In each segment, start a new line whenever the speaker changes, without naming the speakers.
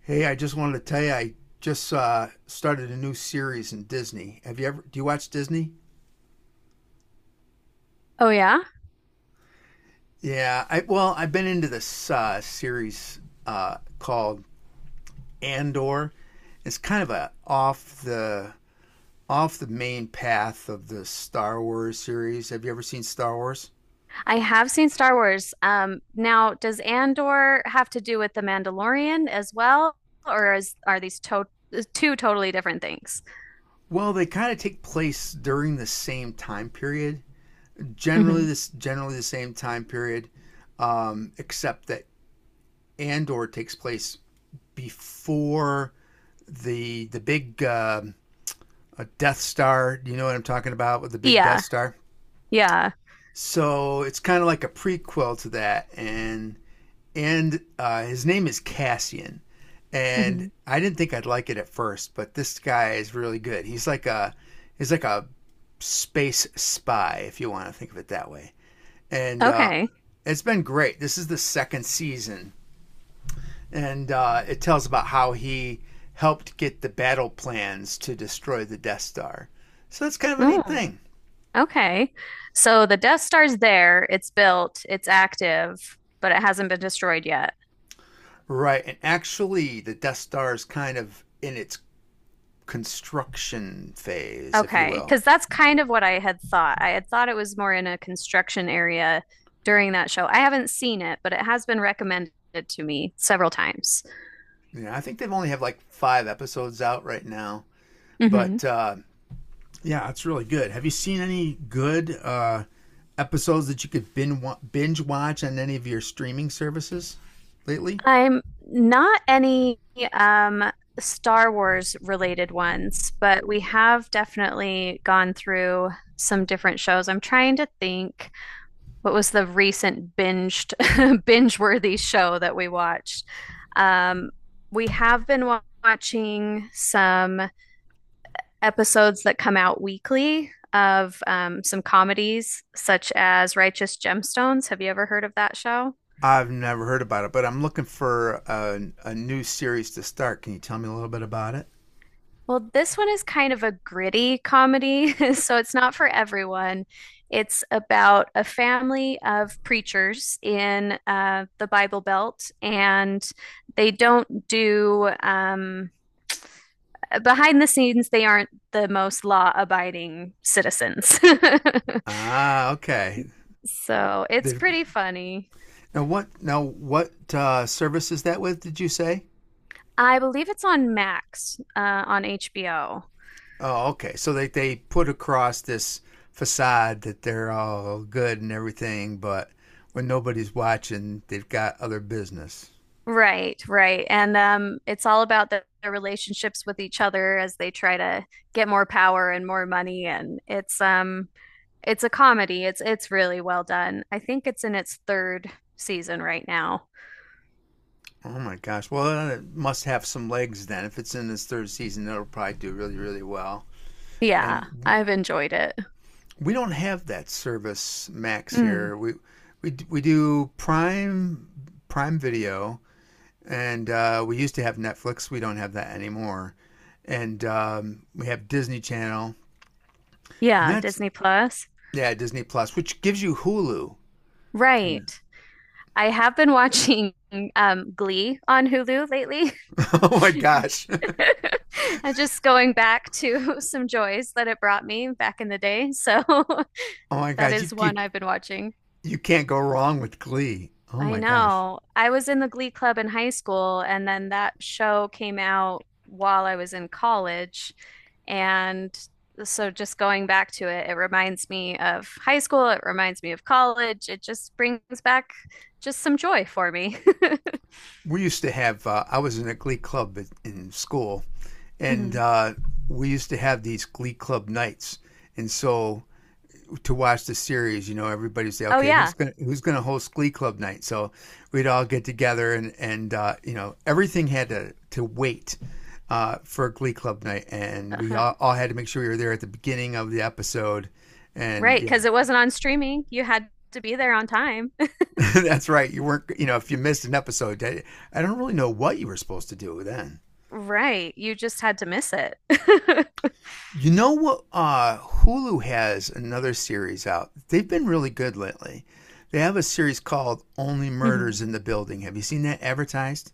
Hey, I just wanted to tell you, I just started a new series in Disney. Have you ever? Do you watch Disney?
Oh yeah,
Yeah. I well, I've been into this series called Andor. It's kind of a off the main path of the Star Wars series. Have you ever seen Star Wars?
I have seen Star Wars. Now, does Andor have to do with the Mandalorian as well, or is are these to two totally different things?
Well, they kind of take place during the same time period. Generally,
Hmm.
this generally the same time period, except that Andor takes place before the big Death Star. You know what I'm talking about with the big Death
Yeah,
Star?
yeah.
So it's kind of like a prequel to that, and and his name is Cassian, and
Hmm.
I didn't think I'd like it at first, but this guy is really good. He's like a space spy, if you want to think of it that way, and
Okay.
it's been great. This is the second season and it tells about how he helped get the battle plans to destroy the Death Star. So that's kind of a neat
Mm,
thing.
okay. So the Death Star's there, it's built, it's active, but it hasn't been destroyed yet.
Right, and actually, the Death Star is kind of in its construction phase, if you
Okay,
will.
because that's kind of what I had thought. I had thought it was more in a construction area during that show. I haven't seen it, but it has been recommended to me several times.
You know, I think they've only have like five episodes out right now,
Hmm.
but yeah, it's really good. Have you seen any good episodes that you could binge watch on any of your streaming services lately?
I'm not any um, Star Wars related ones, but we have definitely gone through some different shows. I'm trying to think what was the recent binged binge-worthy show that we watched. Um, we have been watching some episodes that come out weekly of some comedies such as Righteous Gemstones. Have you ever heard of that show?
I've never heard about it, but I'm looking for a new series to start. Can you tell me a little bit about it?
Well, this one is kind of a gritty comedy, so it's not for everyone. It's about a family of preachers in the Bible Belt, and they don't do, behind the scenes, they aren't the most law-abiding citizens.
Ah, okay.
So it's
They've,
pretty funny.
now what? Now what service is that with? Did you say?
I believe it's on Max, on HBO.
Oh, okay. So they put across this facade that they're all good and everything, but when nobody's watching, they've got other business.
Right, right. And it's all about their relationships with each other as they try to get more power and more money. And it's a comedy. It's really well done. I think it's in its third season right now.
Oh my gosh. Well, it must have some legs then. If it's in its third season, it'll probably do really, really well.
Yeah,
And
I've enjoyed it.
we don't have that service, Max.
Mm.
Here we we do Prime Video, and we used to have Netflix. We don't have that anymore, and we have Disney Channel, and
Yeah,
that's
Disney Plus.
yeah, Disney Plus, which gives you Hulu.
Right. I have been watching Glee on Hulu lately.
Oh my gosh!
I'm just going back to some joys that it brought me back in the day. So
Oh my
that
gosh! You
is
you
one I've been watching.
you can't go wrong with Glee. Oh
I
my gosh!
know. I was in the Glee Club in high school, and then that show came out while I was in college. And so, just going back to it, it reminds me of high school. It reminds me of college. It just brings back just some joy for me.
We used to have. I was in a Glee club in school, and
Hmm.
we used to have these Glee club nights, and so to watch the series, you know, everybody say,
Oh,
okay,
yeah.
who's gonna host Glee Club night? So we'd all get together, and and you know, everything had to wait for Glee Club night, and we
Uh-huh.
all had to make sure we were there at the beginning of the episode. And
Right.
yeah,
Because it wasn't on streaming. You had to be there on time.
that's right. You weren't, you know, if you missed an episode, I don't really know what you were supposed to do then.
Right. You just had to miss it.
You know what? Hulu has another series out. They've been really good lately. They have a series called Only
Hmm.
Murders in the Building. Have you seen that advertised?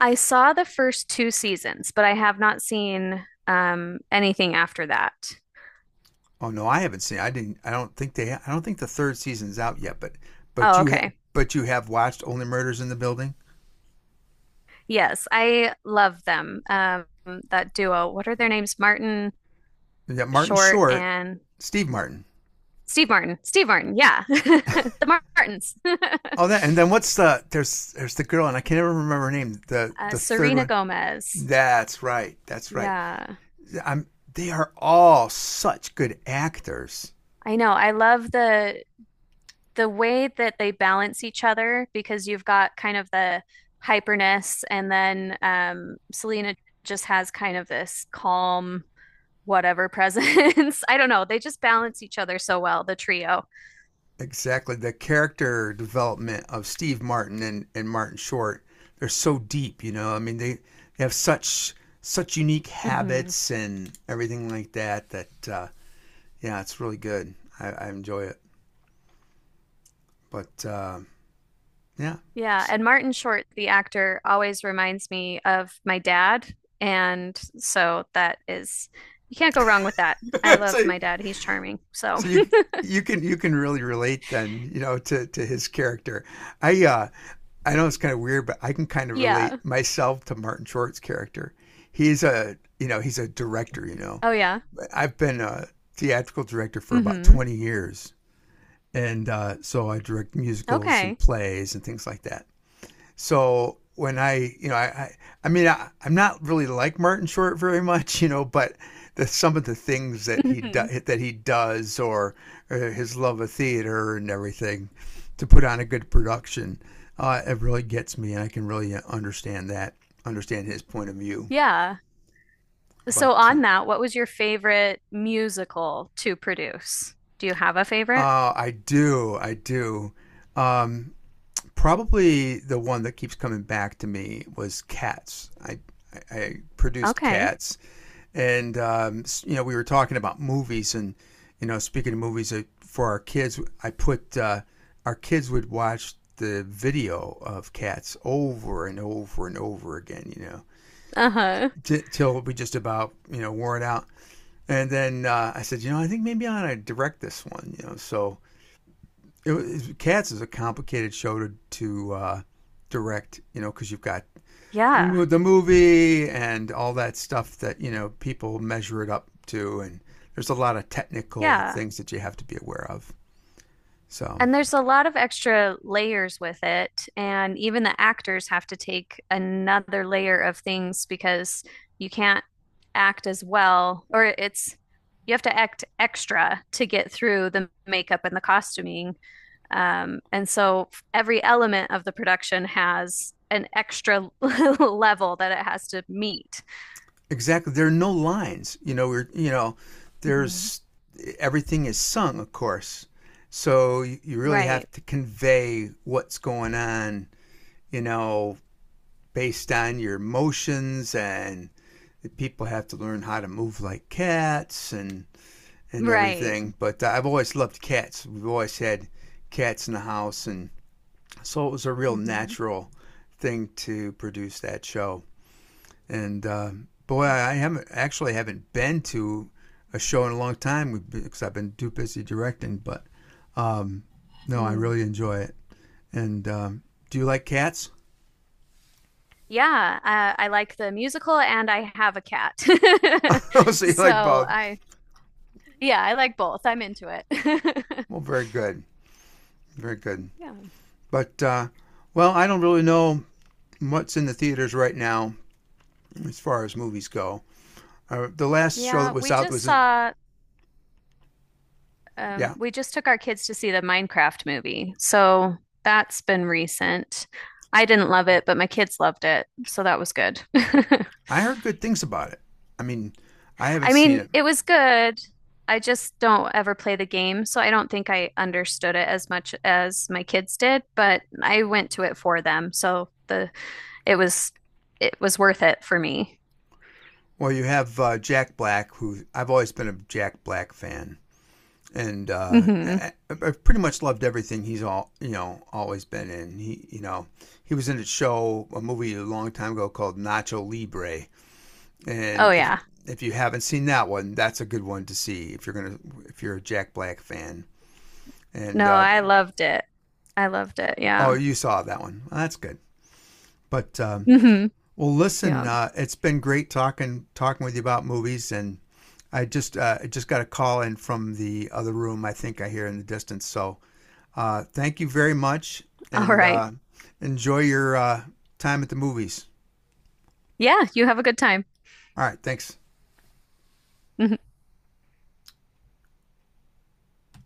I saw the first two seasons, but I have not seen anything after that.
Oh no, I haven't seen. It. I didn't. I don't think the third season's out yet. But but
Oh,
you ha-
okay.
but you have watched Only Murders in the Building.
Yes, I love them. That duo. What are their names? Martin
You got Martin
Short
Short,
and
Steve Martin.
Steve Martin. Steve Martin. Yeah. The Martins.
Oh, that and then what's the there's the girl and I can't ever remember her name. The the third
Serena
one.
Gomez.
That's right. That's right.
Yeah.
I'm. They are all such good actors.
I know. I love the way that they balance each other because you've got kind of the hyperness and then Selena just has kind of this calm whatever presents. I don't know. They just balance each other so well, the trio.
Exactly. The character development of Steve Martin and, Martin Short, they're so deep, you know. I mean, they have such such unique
Mm-hmm.
habits and everything like that that yeah, it's really good. I enjoy it. But yeah.
Yeah. And Martin Short, the actor, always reminds me of my dad. And so that is, you can't go wrong with that. I love
So,
my dad. He's charming. So,
so you you can really relate then, you know, to his character. I I know it's kind of weird, but I can kind of relate
yeah.
myself to Martin Short's character. He's a, you know, he's a director, you know.
Oh, yeah.
I've been a theatrical director for about
Mm-hmm.
20 years. And so I direct musicals and
Okay.
plays and things like that. So when I mean, I'm not really like Martin Short very much, you know, but some of the things that
Hmm.
that he does, or his love of theater and everything, to put on a good production, it really gets me, and I can really understand understand his point of view.
Yeah. So,
But
on that, what was your favorite musical to produce? Do you have a favorite?
I do, I do. Um, Probably the one that keeps coming back to me was Cats. I- produced
Okay.
Cats, and you know we were talking about movies, and you know speaking of movies for our kids, I put our kids would watch the video of Cats over and over and over again, you know,
Uh-huh.
till we just about you know wore it out. And then I said, you know, I think maybe I ought to direct this one, you know. So Cats is a complicated show to direct, you know, because you've got
Yeah.
the the movie and all that stuff that you know people measure it up to, and there's a lot of technical
Yeah.
things that you have to be aware of. So
And there's a lot of extra layers with it. And even the actors have to take another layer of things because you can't act as well, or it's you have to act extra to get through the makeup and the costuming. And so every element of the production has an extra level that it has to meet.
exactly, there are no lines. You know, we're you know,
Mhm.
there's everything is sung, of course. So you really
Right,
have to convey what's going on, you know, based on your motions and the people have to learn how to move like cats and
right.
everything. But I've always loved cats. We've always had cats in the house, and so it was a real
Mhm.
natural thing to produce that show. And boy, I haven't actually haven't been to a show in a long time because I've been too busy directing. But um, no, I
Hmm.
really enjoy it. And do you like cats?
Yeah, I like the musical and I have a cat.
So you
So
like both?
I, yeah, I like both. I'm into it.
Well, very good. Very good.
Yeah.
But, well, I don't really know what's in the theaters right now as far as movies go. The last show that
Yeah,
was
we
out
just
was, in,
saw,
yeah,
we just took our kids to see the Minecraft movie. So that's been recent. I didn't love it, but my kids loved it. So that was good.
I heard good things about it. I mean, I haven't
I
seen
mean,
it.
it was good. I just don't ever play the game. So I don't think I understood it as much as my kids did, but I went to it for them. So the it was it was worth it for me.
Well, you have Jack Black, who I've always been a Jack Black fan, and
Hmm.
I've pretty much loved everything he's all you know always been in. He, you know, he was in a show, a movie a long time ago called Nacho Libre,
Oh
and
yeah.
if you haven't seen that one, that's a good one to see if you're gonna if you're a Jack Black fan.
No,
And
I loved it. I loved it.
oh,
Yeah.
you saw that one. Well, that's good. But
Hmm.
well, listen,
Yeah.
it's been great talking with you about movies, and I just got a call in from the other room. I think I hear in the distance. So thank you very much,
All
and
right.
enjoy your time at the movies.
Yeah, you have a good time.
All right, thanks.
Mhm.